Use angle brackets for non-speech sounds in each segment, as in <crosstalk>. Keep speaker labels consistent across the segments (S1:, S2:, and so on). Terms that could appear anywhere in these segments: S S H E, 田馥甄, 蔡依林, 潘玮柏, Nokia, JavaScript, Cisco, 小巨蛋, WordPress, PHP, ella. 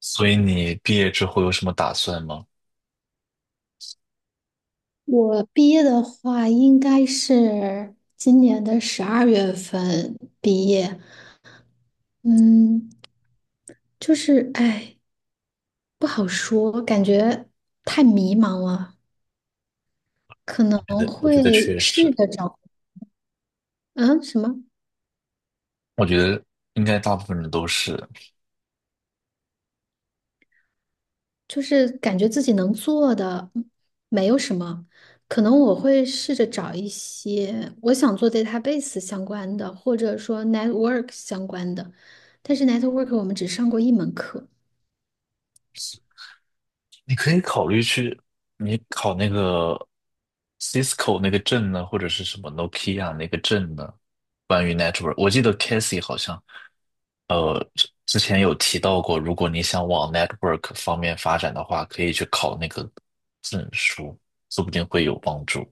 S1: 所以你毕业之后有什么打算吗？
S2: 我毕业的话，应该是今年的12月份毕业。嗯，就是哎，不好说，感觉太迷茫了，可能
S1: 我觉得
S2: 会
S1: 确实，
S2: 试着找，嗯，什么，
S1: 我觉得应该大部分人都是。
S2: 就是感觉自己能做的没有什么，可能我会试着找一些我想做 database 相关的，或者说 network 相关的，但是 network 我们只上过一门课。
S1: 你可以考虑去，你考那个 Cisco 那个证呢，或者是什么 Nokia 那个证呢，关于 network。我记得 Casey 好像，之前有提到过，如果你想往 network 方面发展的话，可以去考那个证书，说不定会有帮助。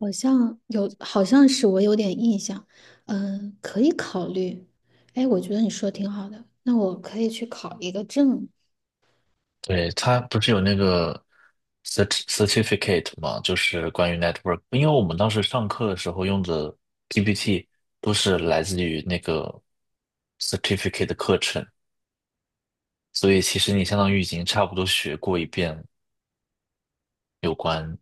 S2: 好像有，好像是我有点印象，嗯，可以考虑。哎，我觉得你说的挺好的，那我可以去考一个证。
S1: 对，它不是有那个 certificate 嘛，就是关于 network，因为我们当时上课的时候用的 PPT 都是来自于那个 certificate 的课程，所以其实你相当于已经差不多学过一遍有关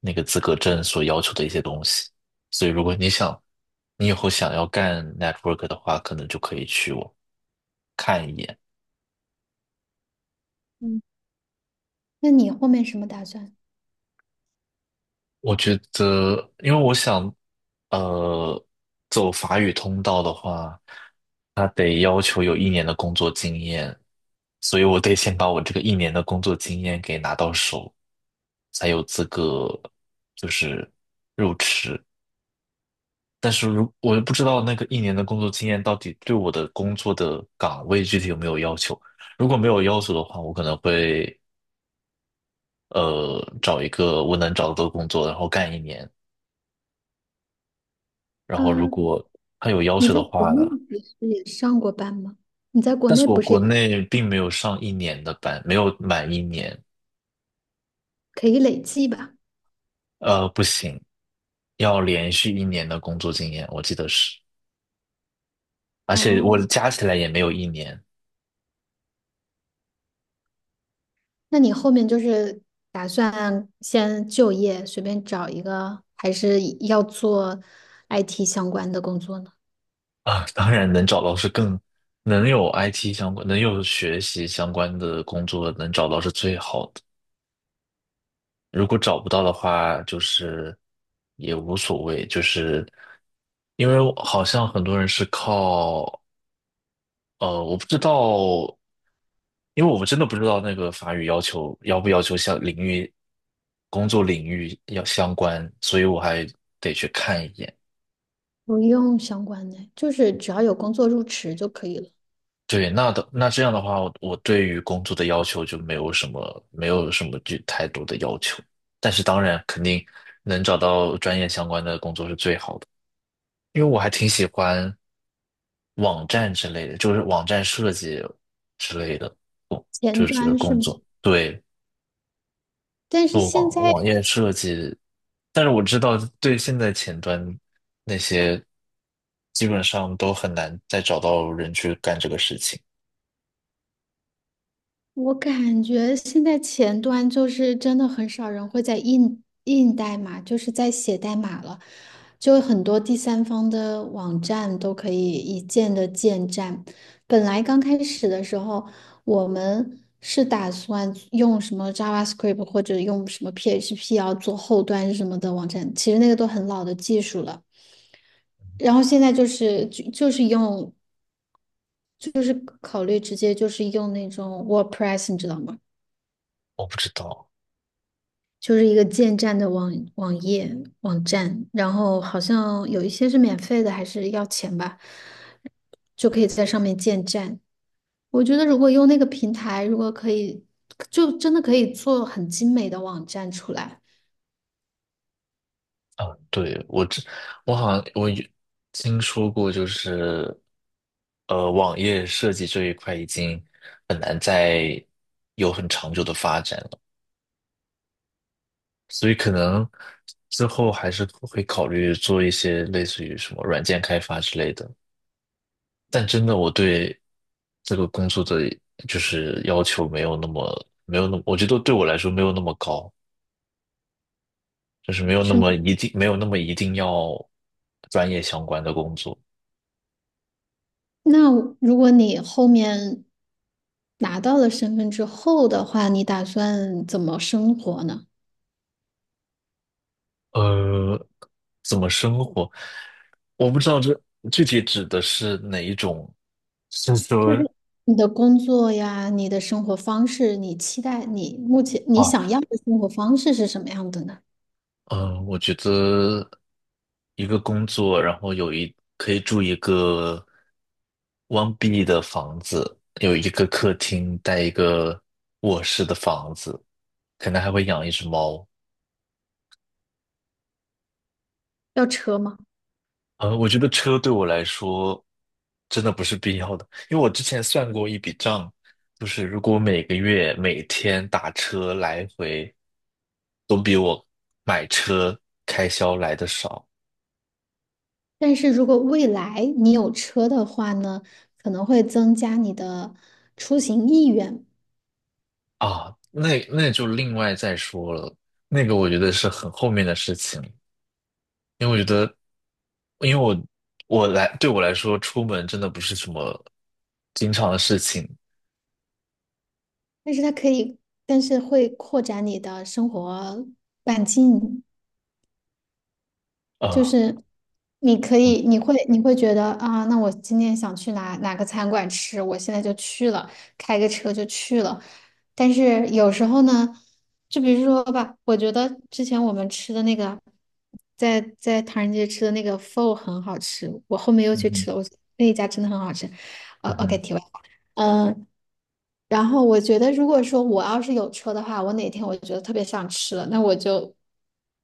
S1: 那个资格证所要求的一些东西，所以如果你想，你以后想要干 network 的话，可能就可以去我看一眼。
S2: 嗯，那你后面什么打算？
S1: 我觉得，因为我想，呃，走法语通道的话，他得要求有一年的工作经验，所以我得先把我这个一年的工作经验给拿到手，才有资格就是入池。但是如我又不知道那个一年的工作经验到底对我的工作的岗位具体有没有要求。如果没有要求的话，我可能会找一个我能找到的工作，然后干一年。然后如
S2: 嗯，
S1: 果他有要
S2: 你
S1: 求
S2: 在
S1: 的
S2: 国
S1: 话呢，
S2: 内不是也上过班吗？你在国
S1: 但
S2: 内
S1: 是我
S2: 不是
S1: 国
S2: 也
S1: 内并没有上一年的班，没有满一年，
S2: 可以累计吧？
S1: 不行，要连续一年的工作经验，我记得是，而且我
S2: 哦，
S1: 加起来也没有一年
S2: 那你后面就是打算先就业，随便找一个，还是要做 IT 相关的工作呢？
S1: 啊，当然能找到是更能有 IT 相关，能有学习相关的工作，能找到是最好的。如果找不到的话，就是也无所谓，就是因为好像很多人是靠我不知道，因为我们真的不知道那个法语要求要不要求像领域工作领域要相关，所以我还得去看一眼。
S2: 不用相关的，就是只要有工作入职就可以了。
S1: 对，那的那这样的话，我对于工作的要求就没有什么就太多的要求，但是当然肯定能找到专业相关的工作是最好的，因为我还挺喜欢网站之类的，就是网站设计之类的，
S2: 前
S1: 就是
S2: 端是
S1: 工
S2: 吗？
S1: 作。对，
S2: 但是
S1: 做
S2: 现
S1: 网
S2: 在
S1: 网页设计，但是我知道对现在前端那些基本上都很难再找到人去干这个事情。
S2: 我感觉现在前端就是真的很少人会在印代码，就是在写代码了，就很多第三方的网站都可以一键的建站。本来刚开始的时候，我们是打算用什么 JavaScript 或者用什么 PHP 要做后端什么的网站，其实那个都很老的技术了。然后现在就是就就是用就是考虑直接就是用那种 WordPress,你知道吗？
S1: 我不知道。
S2: 就是一个建站的网页网站，然后好像有一些是免费的，还是要钱吧，就可以在上面建站。我觉得如果用那个平台，如果可以，就真的可以做很精美的网站出来。
S1: 啊，对，我好像有听说过，就是网页设计这一块已经很难再有很长久的发展了，所以可能之后还是会考虑做一些类似于什么软件开发之类的。但真的我对这个工作的就是要求没有那么，我觉得对我来说没有那么高，就是没有那
S2: 是吗？
S1: 么一定没有那么一定要专业相关的工作。
S2: 那如果你后面拿到了身份之后的话，你打算怎么生活呢？
S1: 呃，怎么生活？我不知道这具体指的是哪一种，是
S2: 就是
S1: 说。
S2: 你的工作呀，你的生活方式，你期待你目前
S1: 啊，
S2: 你
S1: 哦，
S2: 想要的生活方式是什么样的呢？
S1: 我觉得一个工作，然后可以住一个 1B 的房子，有一个客厅，带一个卧室的房子，可能还会养一只猫。
S2: 要车吗？
S1: 我觉得车对我来说真的不是必要的，因为我之前算过一笔账，就是如果每个月每天打车来回，都比我买车开销来的少。
S2: 但是如果未来你有车的话呢，可能会增加你的出行意愿，
S1: 啊，那那就另外再说了，那个我觉得是很后面的事情，因为我觉得，因为我我来对我来说，出门真的不是什么经常的事情
S2: 但是它可以，但是会扩展你的生活半径，就
S1: 啊。
S2: 是你可以，
S1: 我
S2: 你会觉得啊，那我今天想去哪个餐馆吃，我现在就去了，开个车就去了。但是有时候呢，就比如说吧，我觉得之前我们吃的那个，在唐人街吃的那个 pho 很好吃，我后面又
S1: 嗯
S2: 去
S1: 哼，
S2: 吃了，那一家真的很好吃。
S1: 嗯
S2: OK,
S1: 哼。
S2: 提问，嗯、然后我觉得，如果说我要是有车的话，我哪天我觉得特别想吃了，那我就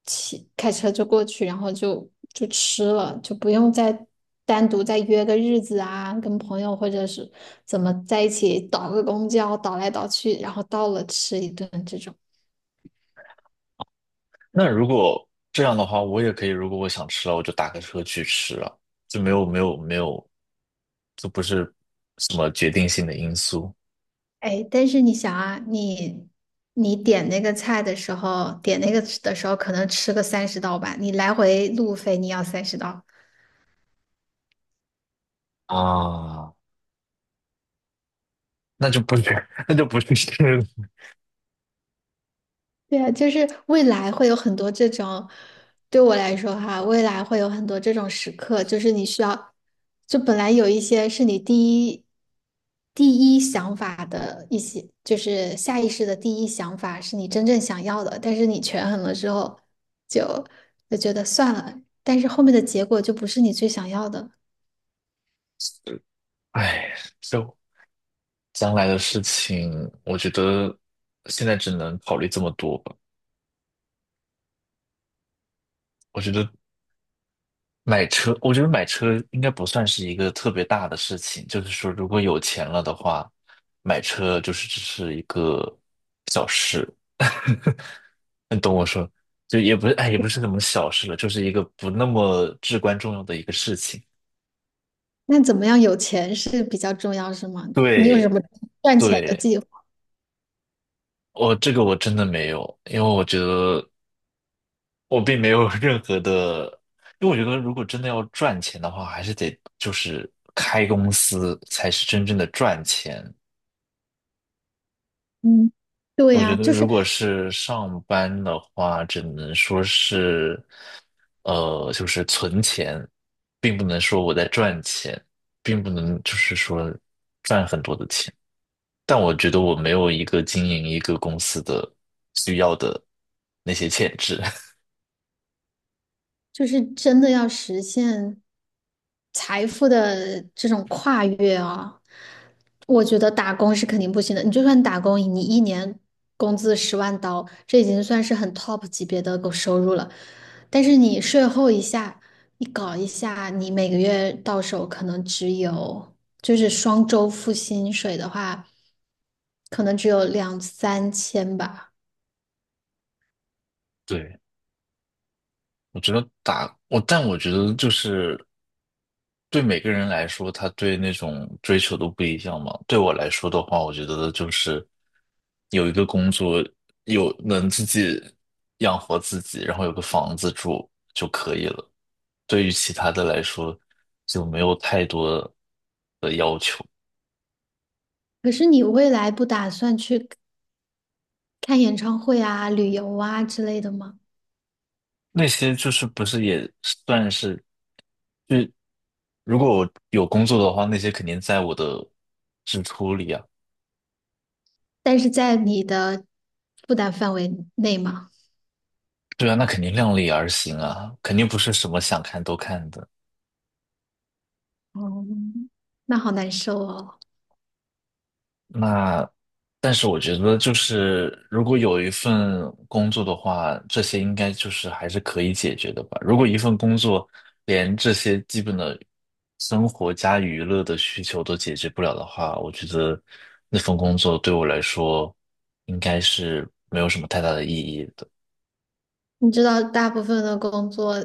S2: 开车就过去，然后就吃了，就不用再单独再约个日子啊，跟朋友或者是怎么在一起倒个公交，倒来倒去，然后到了吃一顿这种。
S1: 那如果这样的话，我也可以，如果我想吃了，我就打个车去吃了，就没有，就不是什么决定性的因素
S2: 哎，但是你想啊，你你点那个菜的时候，点那个的时候可能吃个三十刀吧，你来回路费你要三十刀，
S1: 啊，那就不是 <laughs> 那就不是吃了，
S2: 对啊，就是未来会有很多这种，对我来说哈，未来会有很多这种时刻，就是你需要，就本来有一些是你第一想法的一些，就是下意识的第一想法是你真正想要的，但是你权衡了之后就就觉得算了，但是后面的结果就不是你最想要的。
S1: <laughs> 哎，就。将来的事情，我觉得现在只能考虑这么多吧。我觉得买车，我觉得买车应该不算是一个特别大的事情。就是说，如果有钱了的话，买车就是只是一个小事。<laughs> 你懂我说，就也不是，哎，也不是什么小事了，就是一个不那么至关重要的一个事情。
S2: 那怎么样有钱是比较重要，是吗？你有什
S1: 对，
S2: 么赚钱的
S1: 对，
S2: 计划？
S1: 我这个我真的没有，因为我觉得我并没有任何的，因为我觉得如果真的要赚钱的话，还是得就是开公司才是真正的赚钱。
S2: 嗯。对
S1: 我觉
S2: 呀，
S1: 得
S2: 就
S1: 如
S2: 是
S1: 果是上班的话，只能说是，就是存钱，并不能说我在赚钱，并不能就是说赚很多的钱。但我觉得我没有一个经营一个公司的需要的那些潜质。
S2: 就是真的要实现财富的这种跨越啊，我觉得打工是肯定不行的。你就算打工，你一年工资10万刀，这已经算是很 top 级别的狗收入了。但是你税后一下，你搞一下，你每个月到手可能只有，就是双周付薪水的话，可能只有两三千吧。
S1: <laughs> 对，我觉得但我觉得就是。对每个人来说，他对那种追求都不一样嘛。对我来说的话，我觉得就是有一个工作，有能自己养活自己，然后有个房子住就可以了。对于其他的来说，就没有太多的要求。
S2: 可是你未来不打算去？看演唱会啊、旅游啊之类的吗？
S1: 那些就是不是也算是，就如果我有工作的话，那些肯定在我的支出里啊。
S2: 但是在你的负担范围内吗？
S1: 对啊，那肯定量力而行啊，肯定不是什么想看都看的。
S2: 哦，那好难受哦。
S1: 那，但是我觉得，就是如果有一份工作的话，这些应该就是还是可以解决的吧。如果一份工作连这些基本的生活加娱乐的需求都解决不了的话，我觉得那份工作对我来说应该是没有什么太大的意义的。
S2: 你知道，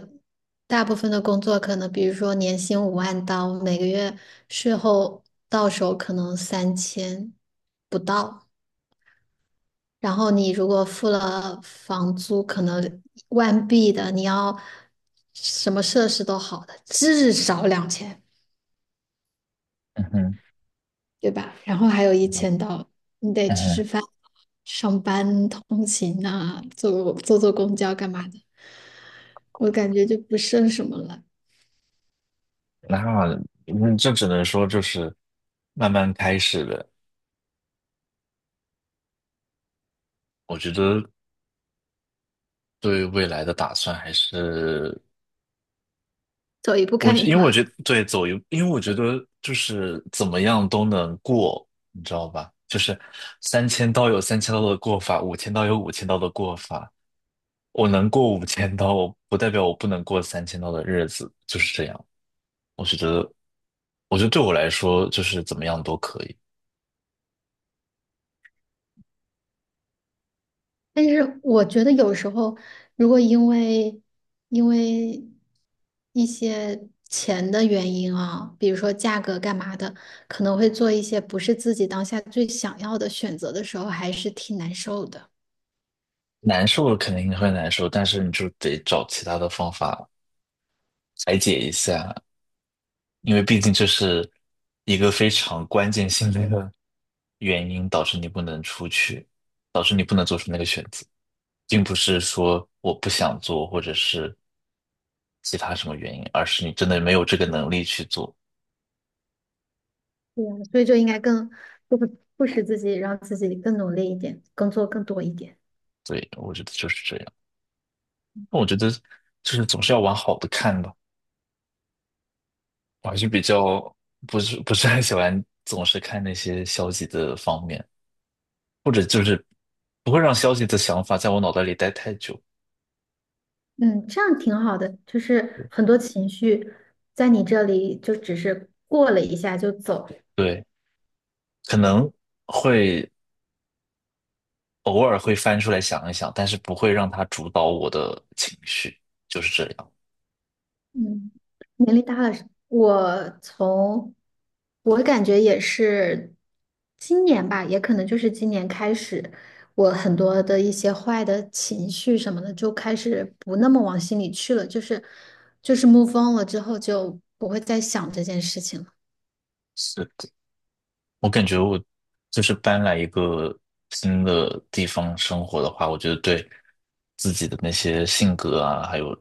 S2: 大部分的工作可能，比如说年薪5万刀，每个月税后到手可能三千不到。然后你如果付了房租，可能万币的，你要什么设施都好的，至少2000。
S1: 嗯哼，
S2: 对吧？然后还有1000刀，你得
S1: 嗯
S2: 吃吃
S1: 哼。
S2: 饭、上班、通勤啊，坐公交干嘛的，我感觉就不剩什么了，
S1: 那嗯，这只能说就是慢慢开始了。我觉得对未来的打算还是。
S2: 走一步
S1: 我
S2: 看一
S1: 因为
S2: 步。
S1: 我觉
S2: <laughs>
S1: 得对走一，因为我觉得就是怎么样都能过，你知道吧？就是三千刀有三千刀的过法，五千刀有五千刀的过法。我能过五千刀，我不代表我不能过三千刀的日子，就是这样。我觉得，对我来说，就是怎么样都可以。
S2: 但是我觉得有时候，如果因为一些钱的原因啊，比如说价格干嘛的，可能会做一些不是自己当下最想要的选择的时候，还是挺难受的。
S1: 难受肯定会难受，但是你就得找其他的方法排解一下。因为毕竟这是一个非常关键性的原因，导致你不能出去，导致你不能做出那个选择，并不是说我不想做，或者是其他什么原因，而是你真的没有这个能力去做。
S2: 对啊，所以就应该更不不使自己，让自己更努力一点，工作更多一点。
S1: 对，我觉得就是这样。那我觉得就是总是要往好的看吧，我还是比较不是很喜欢总是看那些消极的方面，或者就是不会让消极的想法在我脑袋里待太久。
S2: 嗯，这样挺好的。就是很多情绪在你这里就只是过了一下就走，
S1: 对。可能会偶尔会翻出来想一想，但是不会让它主导我的情绪，就是这样。
S2: 嗯，年龄大了是，我感觉也是今年吧，也可能就是今年开始，我很多的一些坏的情绪什么的就开始不那么往心里去了，就是 move on 了之后就不会再想这件事情了。
S1: 是的，我感觉我就是搬来一个新的地方生活的话，我觉得对自己的那些性格啊，还有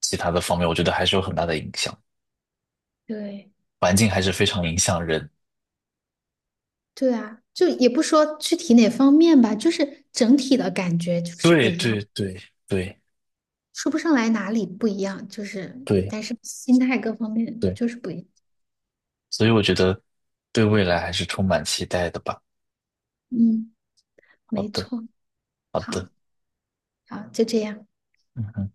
S1: 其他的方面，我觉得还是有很大的影响。
S2: 对，
S1: 环境还是非常影响人。
S2: 对啊，就也不说具体哪方面吧，就是整体的感觉就是不
S1: 对
S2: 一样，
S1: 对对，对
S2: 说不上来哪里不一样，就是
S1: 对
S2: 但是心态各方面
S1: 对，
S2: 就是不一样。
S1: 所以我觉得对未来还是充满期待的吧。
S2: 嗯。
S1: 好
S2: 没
S1: 的，
S2: 错，
S1: 好
S2: 好，
S1: 的，
S2: 好，就这样。
S1: 嗯哼。